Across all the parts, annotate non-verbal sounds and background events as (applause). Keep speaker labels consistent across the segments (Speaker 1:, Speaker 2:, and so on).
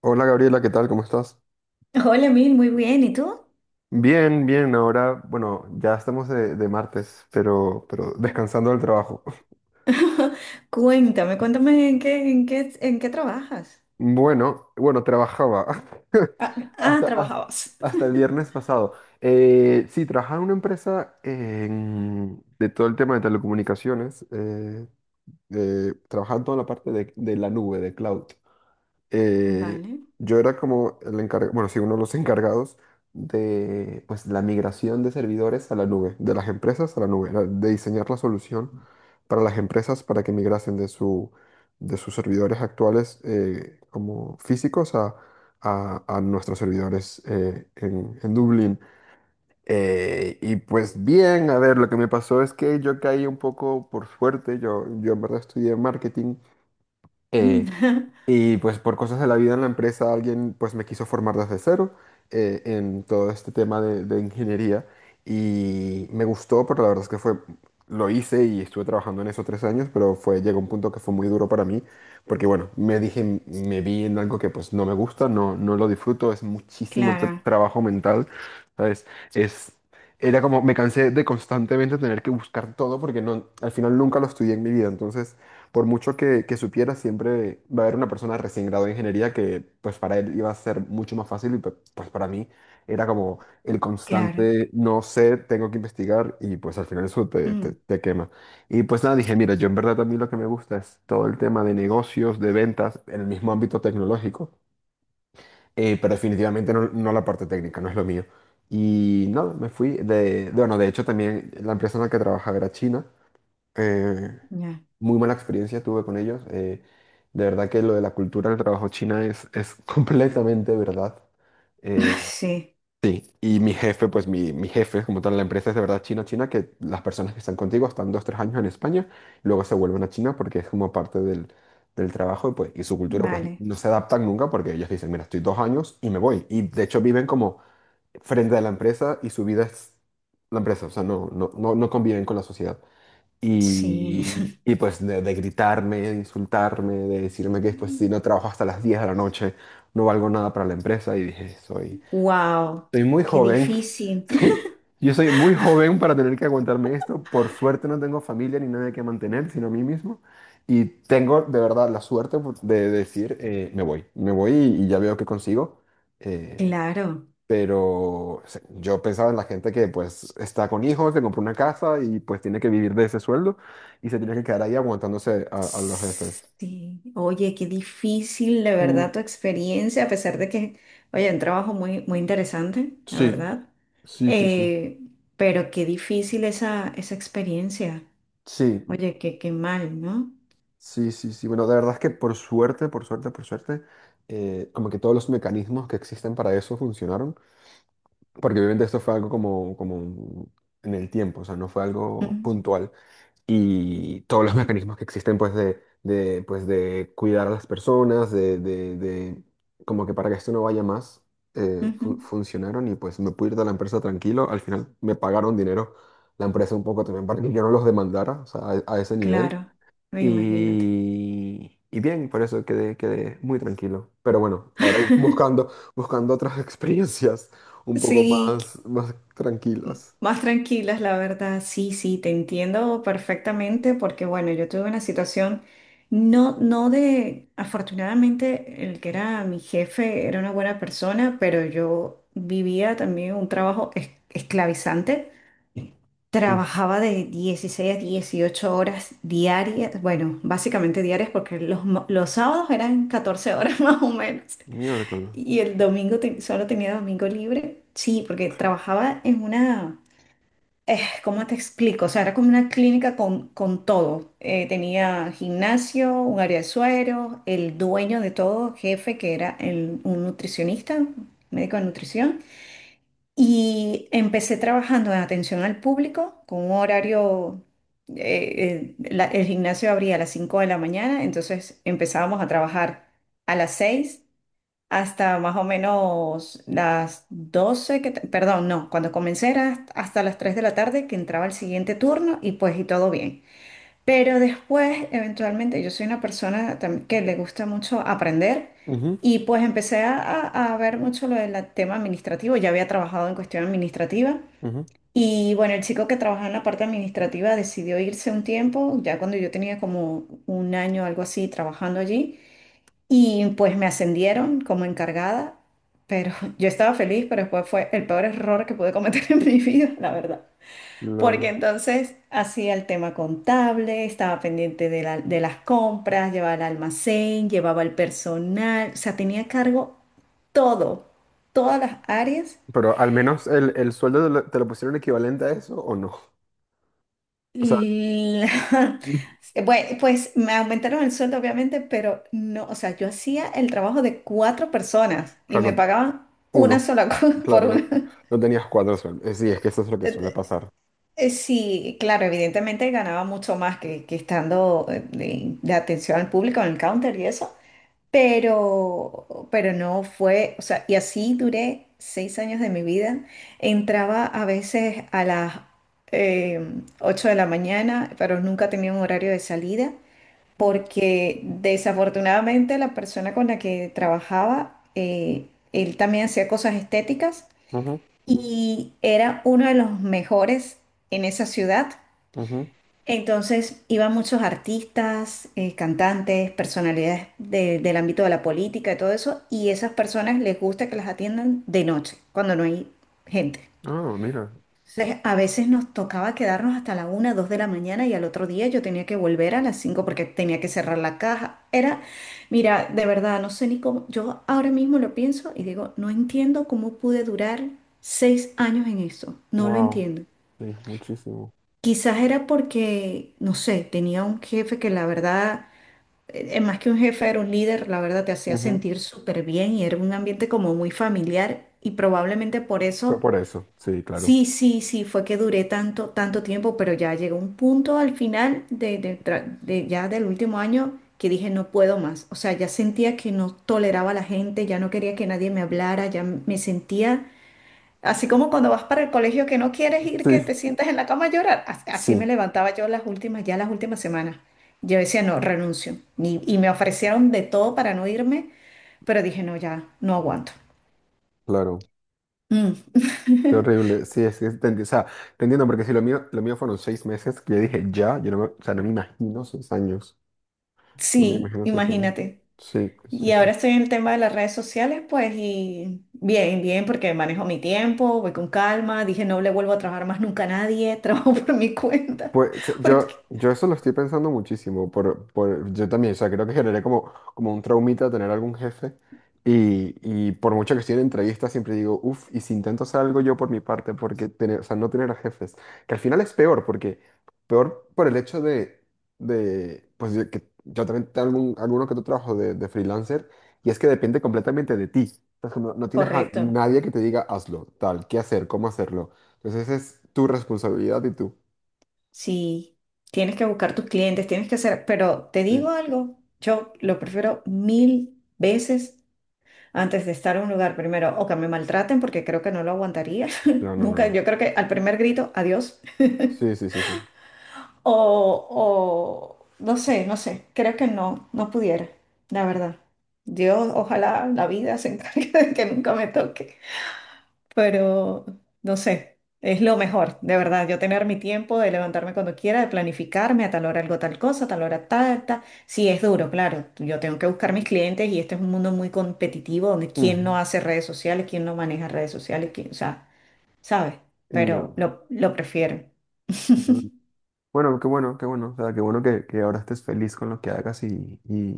Speaker 1: Hola Gabriela, ¿qué tal? ¿Cómo estás?
Speaker 2: Hola, Mil, muy bien. ¿Y tú?
Speaker 1: Bien, bien, ahora, bueno, ya estamos de martes, pero descansando del trabajo. (laughs)
Speaker 2: (laughs) Cuéntame, en qué trabajas.
Speaker 1: Bueno, trabajaba (laughs) hasta, hasta,
Speaker 2: ¿Trabajabas?
Speaker 1: hasta el viernes pasado. Sí, trabajaba en una empresa de todo el tema de telecomunicaciones, trabajaba en toda la parte de la nube, de cloud. eh,
Speaker 2: Vale.
Speaker 1: yo era como el encargado, bueno, sí, uno de los encargados de pues, la migración de servidores a la nube, de las empresas a la nube, era de diseñar la solución para las empresas para que migrasen de sus servidores actuales como físicos a, a nuestros servidores en Dublín. Y pues bien, a ver, lo que me pasó es que yo caí un poco por suerte, yo en verdad estudié marketing eh,
Speaker 2: Mm.
Speaker 1: y pues por cosas de la vida en la empresa alguien pues me quiso formar desde cero, en todo este tema de ingeniería y me gustó, pero la verdad es lo hice y estuve trabajando en eso tres años, pero llegó un punto que fue muy duro para mí porque bueno, me dije, me vi en algo que pues no me gusta, no, no lo disfruto, es
Speaker 2: (laughs)
Speaker 1: muchísimo
Speaker 2: Claro,
Speaker 1: trabajo mental, ¿sabes? Es... Era como, me cansé de constantemente tener que buscar todo porque no, al final nunca lo estudié en mi vida, entonces por mucho que supiera, siempre va a haber una persona recién graduada de ingeniería que pues para él iba a ser mucho más fácil y pues para mí era como el
Speaker 2: claro.
Speaker 1: constante, no sé, tengo que investigar y pues al final eso
Speaker 2: Mm,
Speaker 1: te quema. Y pues nada, dije, mira, yo en verdad a mí lo que me gusta es todo el tema de negocios, de ventas, en el mismo ámbito tecnológico, pero definitivamente no, no la parte técnica, no es lo mío. Y nada, me fui bueno, de hecho también la empresa en la que trabajaba era china. Eh,
Speaker 2: ya.
Speaker 1: Muy mala experiencia tuve con ellos. De verdad que lo de la cultura del trabajo china es (laughs) completamente verdad.
Speaker 2: (laughs)
Speaker 1: Eh,
Speaker 2: Sí,
Speaker 1: sí, y mi jefe, pues mi jefe, como tal, la empresa es de verdad china, china, que las personas que están contigo están dos, tres años en España y luego se vuelven a China porque es como parte del trabajo y, pues, y su cultura, pues
Speaker 2: vale.
Speaker 1: no se adaptan nunca porque ellos dicen, mira, estoy dos años y me voy. Y de hecho viven como frente a la empresa y su vida es la empresa, o sea, no conviven con la sociedad.
Speaker 2: Sí.
Speaker 1: Y pues de gritarme, de insultarme, de decirme que pues si no
Speaker 2: (laughs)
Speaker 1: trabajo hasta las 10 de la noche, no valgo nada para la empresa. Y dije,
Speaker 2: Wow,
Speaker 1: soy muy
Speaker 2: qué
Speaker 1: joven.
Speaker 2: difícil.
Speaker 1: (laughs)
Speaker 2: (laughs)
Speaker 1: Yo soy muy joven para tener que aguantarme esto. Por suerte no tengo familia ni nadie que mantener, sino a mí mismo. Y tengo de verdad la suerte pues, de decir, me voy, y ya veo qué consigo. Eh,
Speaker 2: Claro.
Speaker 1: pero o sea, yo pensaba en la gente que pues está con hijos, se compró una casa y pues tiene que vivir de ese sueldo y se tiene que quedar ahí aguantándose a los jefes.
Speaker 2: Sí. Oye, qué difícil, de
Speaker 1: Mm,
Speaker 2: verdad, tu experiencia, a pesar de que, oye, un trabajo muy, muy interesante, la
Speaker 1: sí,
Speaker 2: verdad.
Speaker 1: sí, sí, sí.
Speaker 2: Eh, pero qué difícil esa experiencia.
Speaker 1: Sí,
Speaker 2: Oye, qué, qué mal, ¿no?
Speaker 1: sí, sí, sí. Bueno, de verdad es que por suerte, como que todos los mecanismos que existen para eso funcionaron. Porque obviamente esto fue algo como, como en el tiempo, o sea, no fue
Speaker 2: Ujú,
Speaker 1: algo puntual. Y todos los (laughs) mecanismos que existen pues pues, de cuidar a las personas, como que para que esto no vaya más,
Speaker 2: ujú.
Speaker 1: funcionaron y pues me pude ir de la empresa tranquilo, al final me pagaron dinero la empresa un poco también para que yo no los demandara, o sea, a ese nivel.
Speaker 2: Claro, imagínate.
Speaker 1: Y bien, por eso quedé muy tranquilo. Pero bueno, ahora buscando otras (laughs) experiencias un poco
Speaker 2: Sí,
Speaker 1: más, más tranquilas.
Speaker 2: más tranquilas, la verdad. Sí, sí, te entiendo perfectamente porque, bueno, yo tuve una situación, no, no de, afortunadamente, el que era mi jefe era una buena persona, pero yo vivía también un trabajo esclavizante.
Speaker 1: Mm,
Speaker 2: Trabajaba de 16 a 18 horas diarias, bueno, básicamente diarias porque los sábados eran 14 horas (laughs) más o menos,
Speaker 1: Miércoles.
Speaker 2: y el solo tenía domingo libre. Sí, porque trabajaba en una, ¿cómo te explico? O sea, era como una clínica con todo. Tenía gimnasio, un área de suero, el dueño de todo, jefe, que era un nutricionista, médico de nutrición, y empecé trabajando en atención al público con un horario, el gimnasio abría a las 5 de la mañana, entonces empezábamos a trabajar a las 6 hasta más o menos las 12 que, perdón, no, cuando comencé era hasta las 3 de la tarde que entraba el siguiente turno, y pues y todo bien. Pero después, eventualmente, yo soy una persona que le gusta mucho aprender,
Speaker 1: Ujú,
Speaker 2: y pues empecé a ver mucho lo del tema administrativo. Ya había trabajado en cuestión administrativa,
Speaker 1: ujú,
Speaker 2: y bueno, el chico que trabajaba en la parte administrativa decidió irse un tiempo, ya cuando yo tenía como un año o algo así trabajando allí, y pues me ascendieron como encargada, pero (laughs) yo estaba feliz. Pero después fue el peor error que pude cometer (laughs) en mi vida, la verdad. Porque
Speaker 1: claro.
Speaker 2: entonces hacía el tema contable, estaba pendiente de, de las compras, llevaba el almacén, llevaba el personal, o sea, tenía a cargo todo, todas las áreas.
Speaker 1: Pero al menos el sueldo te lo pusieron equivalente a eso o no. O sea,
Speaker 2: Y la-
Speaker 1: (laughs)
Speaker 2: (laughs) Bue- pues me aumentaron el sueldo, obviamente, pero no, o sea, yo hacía el trabajo de cuatro personas y me
Speaker 1: claro,
Speaker 2: pagaban una
Speaker 1: uno.
Speaker 2: sola (laughs) cosa por
Speaker 1: Claro, no,
Speaker 2: una.
Speaker 1: no tenías cuatro sueldos. Sí, es que eso es lo que suele pasar.
Speaker 2: Sí, claro, evidentemente ganaba mucho más que estando de atención al público en el counter y eso. Pero no fue, o sea, y así duré 6 años de mi vida. Entraba a veces a las eh, 8 de la mañana, pero nunca tenía un horario de salida,
Speaker 1: Mm,
Speaker 2: porque desafortunadamente la persona con la que trabajaba, él también hacía cosas estéticas
Speaker 1: ujú,
Speaker 2: y era uno de los mejores en esa ciudad.
Speaker 1: ujú.
Speaker 2: Entonces iban muchos artistas, cantantes, personalidades del ámbito de la política y todo eso, y esas personas les gusta que las atiendan de noche, cuando no hay gente.
Speaker 1: Ah, mira.
Speaker 2: Entonces, a veces nos tocaba quedarnos hasta la 1, 2 de la mañana y al otro día yo tenía que volver a las 5 porque tenía que cerrar la caja. Era, mira, de verdad, no sé ni cómo, yo ahora mismo lo pienso y digo, no entiendo cómo pude durar 6 años en eso, no lo
Speaker 1: Wow.
Speaker 2: entiendo.
Speaker 1: Sí, muchísimo.
Speaker 2: Quizás era porque, no sé, tenía un jefe que la verdad, más que un jefe, era un líder, la verdad te hacía sentir súper bien y era un ambiente como muy familiar, y probablemente por
Speaker 1: Fue
Speaker 2: eso,
Speaker 1: por eso, sí, claro.
Speaker 2: sí, sí, sí, fue que duré tanto, tanto tiempo. Pero ya llegó un punto al final de ya del último año que dije no puedo más, o sea, ya sentía que no toleraba a la gente, ya no quería que nadie me hablara, ya me sentía así como cuando vas para el colegio que no quieres ir, que
Speaker 1: Sí,
Speaker 2: te sientas en la cama a llorar.
Speaker 1: sí,
Speaker 2: Así me levantaba yo las últimas, ya las últimas semanas. Yo decía, no, renuncio. Y me ofrecieron de todo para no irme, pero dije, no, ya, no aguanto.
Speaker 1: claro.
Speaker 2: Mm.
Speaker 1: Qué
Speaker 2: (laughs)
Speaker 1: horrible. Sí, es que, o sea, te entiendo, porque si lo mío, lo mío fueron seis meses, que yo dije ya, yo no me, o sea, no me imagino seis años. No me
Speaker 2: Sí,
Speaker 1: imagino seis años.
Speaker 2: imagínate.
Speaker 1: Sí, sí,
Speaker 2: Y ahora
Speaker 1: sí.
Speaker 2: estoy en el tema de las redes sociales, pues, y bien, bien, porque manejo mi tiempo, voy con calma. Dije, no le vuelvo a trabajar más nunca a nadie, (laughs) trabajo por mi cuenta.
Speaker 1: Pues
Speaker 2: Porque...
Speaker 1: yo eso lo estoy pensando muchísimo, yo también, o sea, creo que generé como, como un traumita tener algún jefe y por mucho que estoy en entrevistas siempre digo, uff, y si intento hacer algo yo por mi parte, porque tener, o sea, no tener a jefes, que al final es peor, porque peor por el hecho de pues de que yo también tengo algún, alguno que otro trabajo de freelancer y es que depende completamente de ti. Entonces, como no tienes a
Speaker 2: Correcto.
Speaker 1: nadie que te diga hazlo, tal, qué hacer, cómo hacerlo, entonces es tu responsabilidad y tú.
Speaker 2: Sí, tienes que buscar tus clientes, tienes que hacer, pero te
Speaker 1: Sí.
Speaker 2: digo algo, yo lo prefiero 1000 veces antes de estar en un lugar primero, o que me maltraten porque creo que no lo aguantaría,
Speaker 1: No,
Speaker 2: (laughs)
Speaker 1: no, no,
Speaker 2: nunca,
Speaker 1: no.
Speaker 2: yo creo que al primer grito, adiós,
Speaker 1: Sí, sí, sí, sí.
Speaker 2: o no sé, no sé, creo que no, no pudiera, la verdad. Dios, ojalá la vida se encargue (laughs) de que nunca me toque. Pero no sé, es lo mejor, de verdad, yo tener mi tiempo de levantarme cuando quiera, de planificarme a tal hora algo, tal cosa, a tal hora tal, tal. Sí, es duro, claro, yo tengo que buscar mis clientes y este es un mundo muy competitivo donde quién no
Speaker 1: Ujú.
Speaker 2: hace redes sociales, quién no maneja redes sociales, quién, o sea, ¿sabes? Pero
Speaker 1: No,
Speaker 2: lo prefiero.
Speaker 1: no. Bueno, qué bueno, qué bueno. O sea, qué bueno que ahora estés feliz con lo que hagas y, y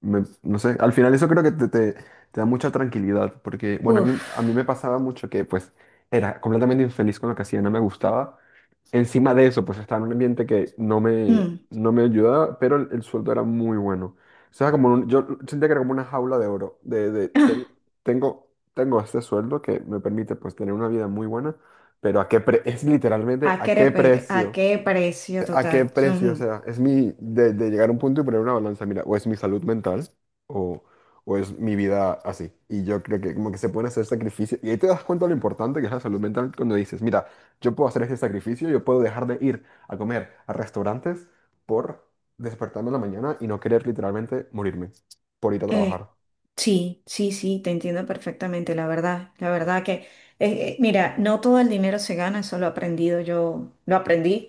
Speaker 1: me- no sé, al final eso creo que te da mucha tranquilidad, porque, bueno, a mí me
Speaker 2: Uf.
Speaker 1: pasaba mucho que pues era completamente infeliz con lo que hacía, no me gustaba. Encima de eso, pues estaba en un ambiente que
Speaker 2: Mm.
Speaker 1: no me ayudaba, pero el sueldo era muy bueno. O sea, como un- yo sentía que era como una jaula de oro,
Speaker 2: Ah,
Speaker 1: tengo este sueldo que me permite pues tener una vida muy buena, pero ¿a qué es literalmente
Speaker 2: ¿a
Speaker 1: a
Speaker 2: qué,
Speaker 1: qué
Speaker 2: a
Speaker 1: precio?
Speaker 2: qué precio
Speaker 1: ¿A qué
Speaker 2: total?
Speaker 1: precio? O
Speaker 2: Ujú.
Speaker 1: sea, es mi, de llegar a un punto y poner una balanza, mira, o es mi salud mental o, o es mi vida así. Y yo creo que como que se pueden hacer sacrificios. Y ahí te das cuenta lo importante que es la salud mental cuando dices, mira, yo puedo hacer este sacrificio, yo puedo dejar de ir a comer a restaurantes por despertarme en la mañana y no querer literalmente morirme por ir a
Speaker 2: Eh,
Speaker 1: trabajar.
Speaker 2: sí, sí, sí, te entiendo perfectamente, la verdad que, mira, no todo el dinero se gana, eso lo he aprendido yo, lo aprendí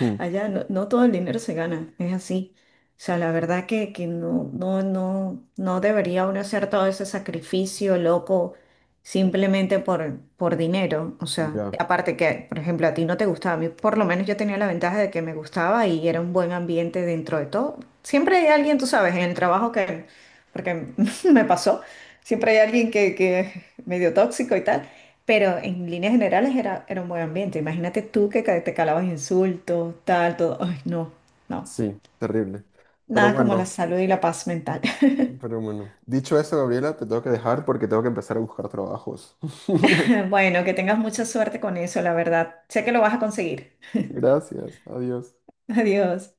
Speaker 1: Hmm.
Speaker 2: allá, no, no todo el dinero se gana, es así. O sea, la verdad que no, no, no, no debería uno hacer todo ese sacrificio loco simplemente por dinero. O sea,
Speaker 1: Ya,
Speaker 2: aparte que, por ejemplo, a ti no te gustaba, a mí por lo menos yo tenía la ventaja de que me gustaba y era un buen ambiente dentro de todo. Siempre hay alguien, tú sabes, en el trabajo que porque (laughs) me pasó. Siempre hay alguien que es medio tóxico y tal, pero en líneas generales era, era un buen ambiente. Imagínate tú que te calabas insultos, tal, todo. Ay, no, no.
Speaker 1: sí, terrible. Pero
Speaker 2: Nada como la
Speaker 1: bueno,
Speaker 2: salud y la paz mental. (laughs)
Speaker 1: pero bueno. Dicho eso, Gabriela, te tengo que dejar porque tengo que empezar a buscar trabajos. (laughs)
Speaker 2: Bueno, que tengas mucha suerte con eso, la verdad. Sé que lo vas a conseguir.
Speaker 1: Gracias, adiós.
Speaker 2: (laughs) Adiós.